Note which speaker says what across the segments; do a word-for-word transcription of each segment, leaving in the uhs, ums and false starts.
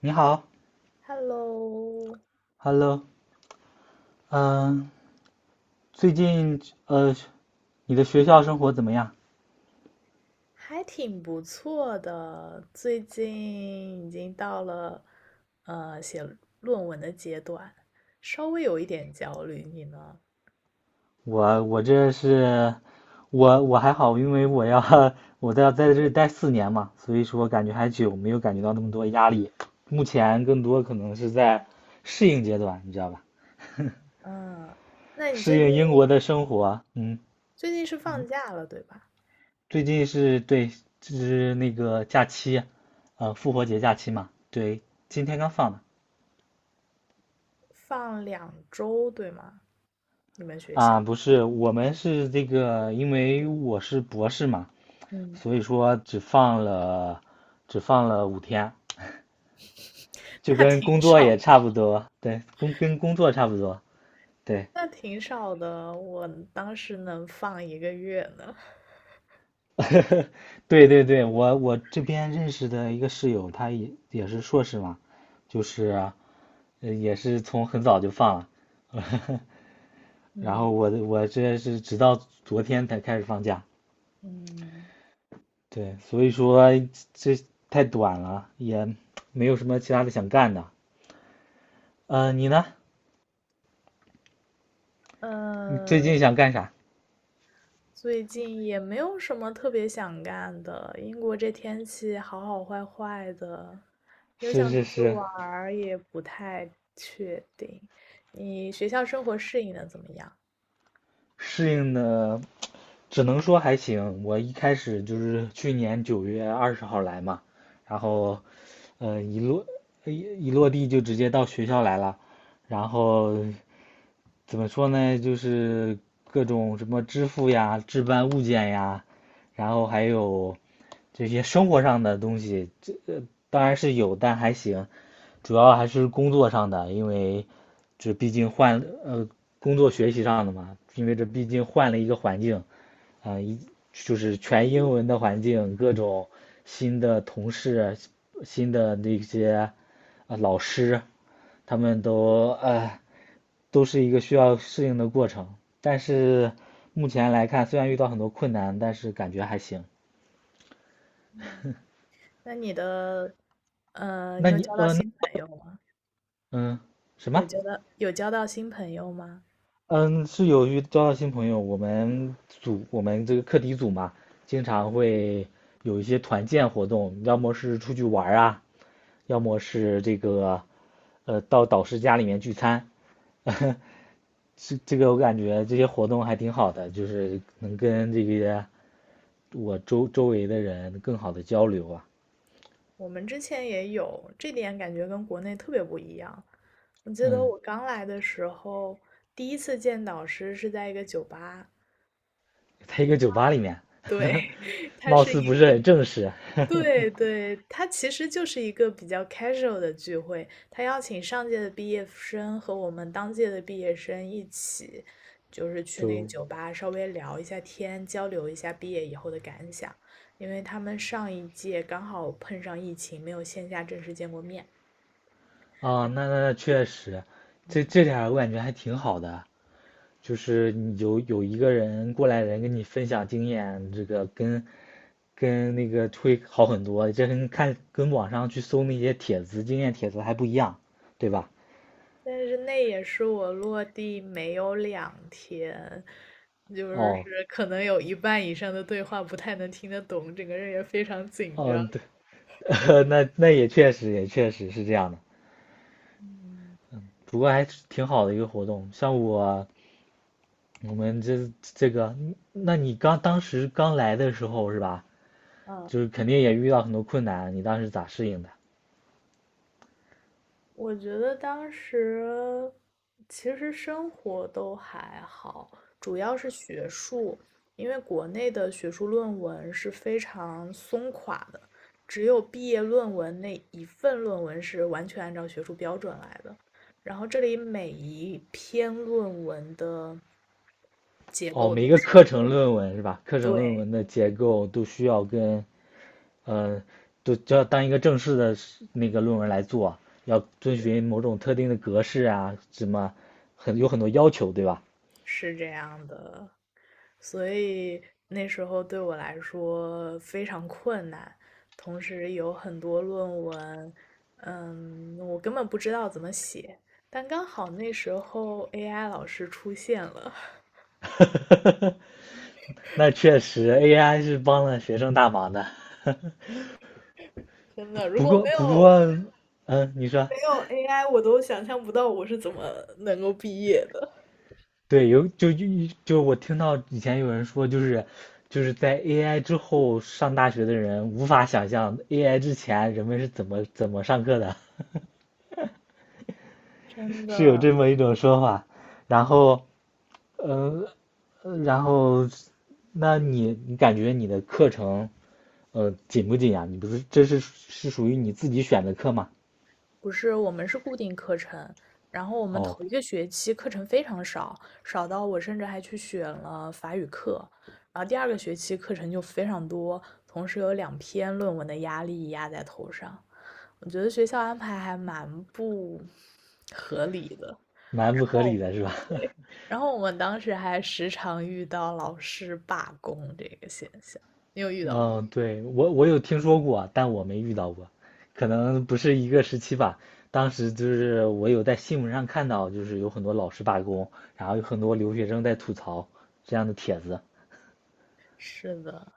Speaker 1: 你好
Speaker 2: Hello，
Speaker 1: ，Hello，嗯，最近呃，你的学校生活怎么样？
Speaker 2: 还挺不错的，最近已经到了呃写论文的阶段，稍微有一点焦虑。你呢？
Speaker 1: 我我这是，我我还好，因为我要 我在在这待四年嘛，所以说感觉还久，没有感觉到那么多压力。目前更多可能是在适应阶段，你知道吧？
Speaker 2: 嗯，那你最
Speaker 1: 适
Speaker 2: 近
Speaker 1: 应英国的生活。嗯，
Speaker 2: 最近是放假了对吧？
Speaker 1: 最近是对，是那个假期，呃，复活节假期嘛，对，今天刚放的。
Speaker 2: 放两周对吗？你们学校？
Speaker 1: 啊，不是，我们是这个，因为我是博士嘛，
Speaker 2: 嗯
Speaker 1: 所以说只放了只放了五天，就
Speaker 2: 那
Speaker 1: 跟
Speaker 2: 挺
Speaker 1: 工作
Speaker 2: 少，
Speaker 1: 也差不多，对，工跟工作差不多，对，
Speaker 2: 那挺少的。我当时能放一个月呢。
Speaker 1: 对对对，我我这边认识的一个室友，他也也是硕士嘛，就是呃也是从很早就放了，然后
Speaker 2: 嗯
Speaker 1: 我我这是直到昨天才开始放假，
Speaker 2: 嗯。
Speaker 1: 对，所以说这太短了，也没有什么其他的想干的。呃，你呢？你最
Speaker 2: 呃，
Speaker 1: 近想干啥？
Speaker 2: 最近也没有什么特别想干的，英国这天气好好坏坏的，有
Speaker 1: 是
Speaker 2: 想
Speaker 1: 是
Speaker 2: 出去
Speaker 1: 是，
Speaker 2: 玩儿也不太确定。你学校生活适应的怎么样？
Speaker 1: 适应的只能说还行。我一开始就是去年九月二十号来嘛，然后，呃，一落一一落地就直接到学校来了，然后怎么说呢，就是各种什么支付呀、置办物件呀，然后还有这些生活上的东西，这呃当然是有，但还行，主要还是工作上的，因为这毕竟换呃工作学习上的嘛，因为这毕竟换了一个环境，啊、一就是全英文的环境，各种新的同事、新的那些啊、老师，他们都呃都是一个需要适应的过程。但是目前来看，虽然遇到很多困难，但是感觉还行。
Speaker 2: 那你的，呃，你
Speaker 1: 那
Speaker 2: 有
Speaker 1: 你
Speaker 2: 交到
Speaker 1: 呃那
Speaker 2: 新朋友吗？
Speaker 1: 嗯什
Speaker 2: 有
Speaker 1: 么？
Speaker 2: 交到有交到新朋友吗？
Speaker 1: 嗯，是有遇交到新朋友。我们组我们这个课题组嘛，经常会有一些团建活动，要么是出去玩啊，要么是这个呃到导师家里面聚餐。这这个我感觉这些活动还挺好的，就是能跟这个我周周围的人更好的交流啊。
Speaker 2: 我们之前也有，这点感觉跟国内特别不一样。我记得
Speaker 1: 嗯，
Speaker 2: 我刚来的时候，第一次见导师是在一个酒吧，
Speaker 1: 在一个酒吧里面，
Speaker 2: 对，他
Speaker 1: 貌
Speaker 2: 是
Speaker 1: 似
Speaker 2: 一
Speaker 1: 不是很正式，
Speaker 2: 对对，他其实就是一个比较 casual 的聚会，他邀请上届的毕业生和我们当届的毕业生一起，就是去那个
Speaker 1: 就
Speaker 2: 酒吧稍微聊一下天，交流一下毕业以后的感想，因为他们上一届刚好碰上疫情，没有线下正式见过面。
Speaker 1: 啊，
Speaker 2: 然
Speaker 1: 那那那确实，这
Speaker 2: 嗯，
Speaker 1: 这点儿我感觉还挺好的，就是你有有一个人过来人跟你分享经验，这个跟跟那个会好很多，这跟看跟网上去搜那些帖子经验帖子还不一样，对吧？
Speaker 2: 但是那也是我落地没有两天，就是
Speaker 1: 哦，
Speaker 2: 可能有一半以上的对话不太能听得懂，整个人也非常紧张。
Speaker 1: 嗯，对，那那也确实也确实是这样的，
Speaker 2: 嗯。
Speaker 1: 不过还是挺好的一个活动，像我。我们这这个，那你刚当时刚来的时候是吧？
Speaker 2: 嗯，
Speaker 1: 就是肯定也遇到很多困难，你当时咋适应的？
Speaker 2: 我觉得当时其实生活都还好，主要是学术，因为国内的学术论文是非常松垮的，只有毕业论文那一份论文是完全按照学术标准来的。然后这里每一篇论文的结
Speaker 1: 哦，
Speaker 2: 构都
Speaker 1: 每个
Speaker 2: 是，
Speaker 1: 课程论文是吧？课程论
Speaker 2: 对，
Speaker 1: 文的结构都需要跟呃，都就要当一个正式的那个论文来做，要遵循某种特定的格式啊，什么很有很多要求，对吧？
Speaker 2: 是这样的。所以那时候对我来说非常困难，同时有很多论文，嗯，我根本不知道怎么写。但刚好那时候 A I 老师出现了，
Speaker 1: 那确实 A I 是帮了学生大忙的。
Speaker 2: 真的，如
Speaker 1: 不
Speaker 2: 果
Speaker 1: 过
Speaker 2: 没
Speaker 1: 不
Speaker 2: 有
Speaker 1: 过，嗯，你说。
Speaker 2: 没有 A I，我都想象不到我是怎么能够毕业的。
Speaker 1: 对，有就就就我听到以前有人说，就是就是在 A I 之后上大学的人无法想象 A I 之前人们是怎么怎么上课的，
Speaker 2: 真
Speaker 1: 是有
Speaker 2: 的，
Speaker 1: 这么一种说法。然后，呃，呃然后，那你你感觉你的课程，呃，紧不紧呀？你不是这是是属于你自己选的课吗？
Speaker 2: 不是，我们是固定课程，然后我们
Speaker 1: 哦，
Speaker 2: 头一个学期课程非常少，少到我甚至还去选了法语课，然后第二个学期课程就非常多，同时有两篇论文的压力压在头上，我觉得学校安排还蛮不合理的。
Speaker 1: 蛮
Speaker 2: 然
Speaker 1: 不合
Speaker 2: 后，
Speaker 1: 理的是吧？
Speaker 2: 然后我们当时还时常遇到老师罢工这个现象，你有遇到过？
Speaker 1: 嗯，对，我我有听说过啊但我没遇到过，可能不是一个时期吧。当时就是我有在新闻上看到，就是有很多老师罢工，然后有很多留学生在吐槽这样的帖子。
Speaker 2: 是的，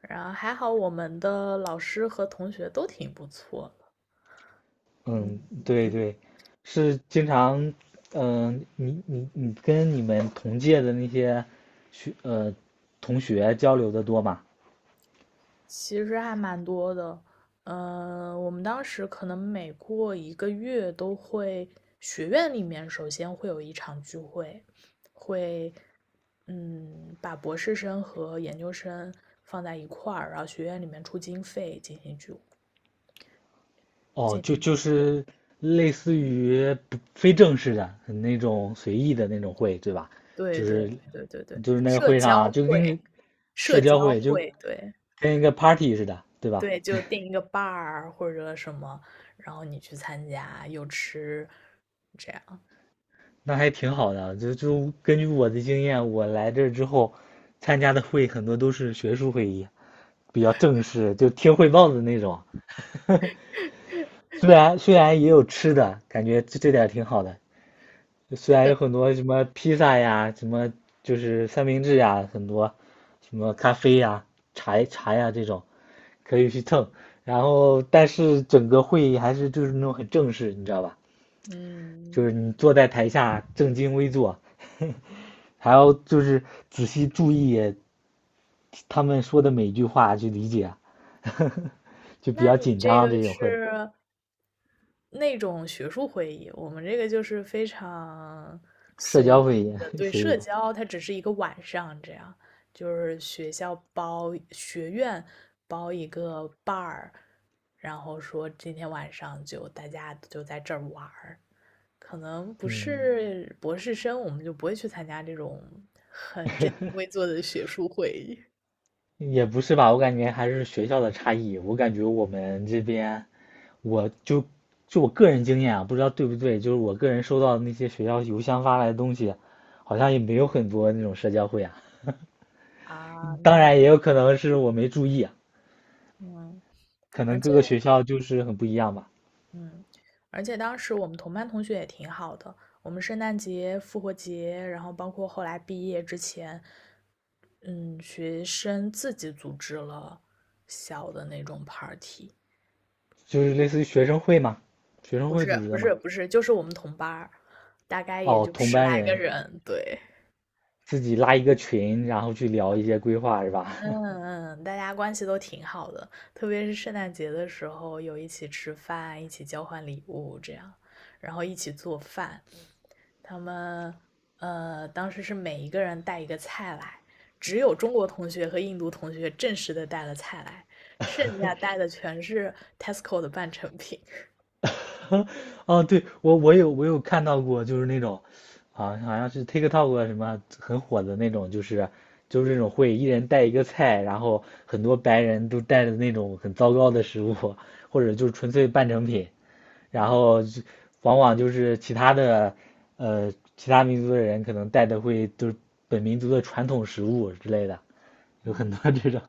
Speaker 2: 然后还好我们的老师和同学都挺不错的，
Speaker 1: 嗯，
Speaker 2: 嗯。
Speaker 1: 对对，是经常，嗯、你你你跟你们同届的那些学呃同学交流的多吗？
Speaker 2: 其实还蛮多的，嗯，我们当时可能每过一个月都会，学院里面首先会有一场聚会，会，嗯，把博士生和研究生放在一块儿，然后学院里面出经费进行聚，
Speaker 1: 哦，
Speaker 2: 进
Speaker 1: 就
Speaker 2: 行，
Speaker 1: 就是类似于不非正式的那种随意的那种会，对吧？
Speaker 2: 对
Speaker 1: 就
Speaker 2: 对
Speaker 1: 是
Speaker 2: 对对对，
Speaker 1: 就是那个
Speaker 2: 社
Speaker 1: 会
Speaker 2: 交
Speaker 1: 上就
Speaker 2: 会，
Speaker 1: 跟
Speaker 2: 社
Speaker 1: 社交
Speaker 2: 交
Speaker 1: 会就
Speaker 2: 会，对
Speaker 1: 跟一个 party 似的，对吧？
Speaker 2: 对，就定一个伴儿或者什么，然后你去参加，又吃，这样，
Speaker 1: 那还挺好的。就就根据我的经验，我来这之后参加的会很多都是学术会议，比较正式，就听汇报的那种。虽然虽然也有吃的，感觉这这点儿挺好的，虽然有很多什么披萨呀，什么就是三明治呀，很多什么咖啡呀、茶茶呀这种可以去蹭，然后但是整个会议还是就是那种很正式，你知道吧？就
Speaker 2: 嗯。
Speaker 1: 是你坐在台下正襟危坐，还要就是仔细注意他们说的每一句话去理解啊，就比
Speaker 2: 那
Speaker 1: 较
Speaker 2: 你
Speaker 1: 紧
Speaker 2: 这
Speaker 1: 张
Speaker 2: 个
Speaker 1: 这种会，
Speaker 2: 是那种学术会议，我们这个就是非常
Speaker 1: 社
Speaker 2: 随
Speaker 1: 交会
Speaker 2: 意
Speaker 1: 议，
Speaker 2: 的，对，
Speaker 1: 所
Speaker 2: 社
Speaker 1: 以
Speaker 2: 交它只是一个晚上这样，就是学校包，学院包一个伴儿，然后说今天晚上就大家就在这儿玩儿，可能不
Speaker 1: 嗯。
Speaker 2: 是博士生，我们就不会去参加这种很正襟危坐的学术会议
Speaker 1: 也不是吧，我感觉还是学校的差异。我感觉我们这边，我就就我个人经验啊，不知道对不对，就是我个人收到的那些学校邮箱发来的东西，好像也没有很多那种社交会啊。
Speaker 2: 啊，
Speaker 1: 当
Speaker 2: 那也
Speaker 1: 然，也有可能是我没注意啊，
Speaker 2: 嗯，
Speaker 1: 可
Speaker 2: 而
Speaker 1: 能各
Speaker 2: 且。
Speaker 1: 个学校就是很不一样吧，
Speaker 2: 嗯，而且当时我们同班同学也挺好的，我们圣诞节、复活节，然后包括后来毕业之前，嗯，学生自己组织了小的那种 party，
Speaker 1: 就是类似于学生会嘛，学生
Speaker 2: 不
Speaker 1: 会组
Speaker 2: 是
Speaker 1: 织
Speaker 2: 不
Speaker 1: 的
Speaker 2: 是
Speaker 1: 嘛。
Speaker 2: 不是，就是我们同班儿大概也
Speaker 1: 哦，
Speaker 2: 就
Speaker 1: 同
Speaker 2: 十
Speaker 1: 班
Speaker 2: 来个
Speaker 1: 人
Speaker 2: 人，对，
Speaker 1: 自己拉一个群，然后去聊一些规划是吧？
Speaker 2: 嗯嗯，嗯大家关系都挺好的，特别是圣诞节的时候，有一起吃饭，一起交换礼物这样，然后一起做饭，他们呃当时是每一个人带一个菜来，只有中国同学和印度同学正式的带了菜来，剩下带的全是 Tesco 的半成品。
Speaker 1: 哦，对，我我有我有看到过，就是那种，啊，好像是 TikTok 啊什么很火的那种，就是就是这种会一人带一个菜，然后很多白人都带的那种很糟糕的食物，或者就是纯粹半成品，然后就往往就是其他的呃其他民族的人可能带的会就是本民族的传统食物之类的，有很
Speaker 2: 嗯，
Speaker 1: 多这种。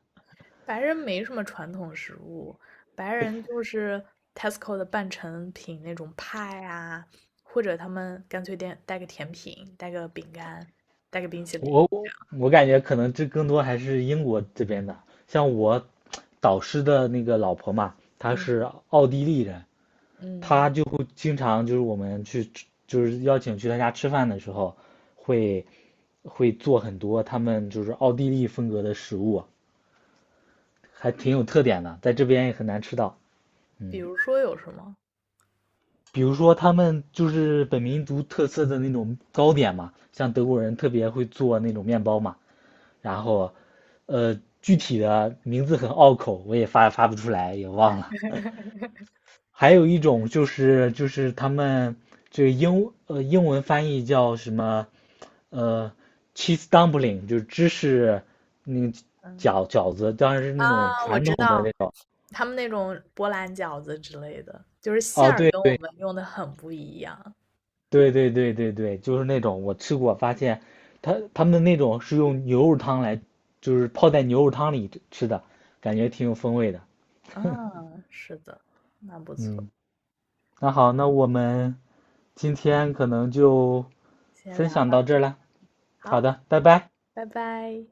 Speaker 2: 白人没什么传统食物，白人就是 Tesco 的半成品那种派啊，或者他们干脆点带个甜品，带个饼干，带个冰淇淋
Speaker 1: 我
Speaker 2: 这样。
Speaker 1: 我感觉可能这更多还是英国这边的，像我导师的那个老婆嘛，她
Speaker 2: 嗯
Speaker 1: 是奥地利人，
Speaker 2: 嗯，
Speaker 1: 她就会经常就是我们去吃就是邀请去她家吃饭的时候，会会做很多他们就是奥地利风格的食物，还挺有特点的，在这边也很难吃到。
Speaker 2: 比
Speaker 1: 嗯，
Speaker 2: 如说有什么？
Speaker 1: 比如说他们就是本民族特色的那种糕点嘛，像德国人特别会做那种面包嘛。然后，呃，具体的名字很拗口，我也发发不出来，也忘了。还有一种就是就是他们这个英呃英文翻译叫什么，呃，cheese dumpling，就是芝士那个
Speaker 2: 嗯。
Speaker 1: 饺饺子，当然是那种
Speaker 2: 啊，我
Speaker 1: 传统
Speaker 2: 知
Speaker 1: 的
Speaker 2: 道，
Speaker 1: 那种。
Speaker 2: 他们那种波兰饺子之类的，就是馅
Speaker 1: 哦，
Speaker 2: 儿
Speaker 1: 对
Speaker 2: 跟我
Speaker 1: 对
Speaker 2: 们用的很不一样。
Speaker 1: 对对对对对，就是那种我吃过，发现他他们那种是用牛肉汤来，就是泡在牛肉汤里吃的，感觉挺有风味的。
Speaker 2: 嗯，是的，那不错，
Speaker 1: 嗯。那好，那我们今天可能就
Speaker 2: 先
Speaker 1: 分
Speaker 2: 聊
Speaker 1: 享
Speaker 2: 到
Speaker 1: 到这
Speaker 2: 这，
Speaker 1: 儿了。好
Speaker 2: 好，
Speaker 1: 的，拜拜。
Speaker 2: 拜拜。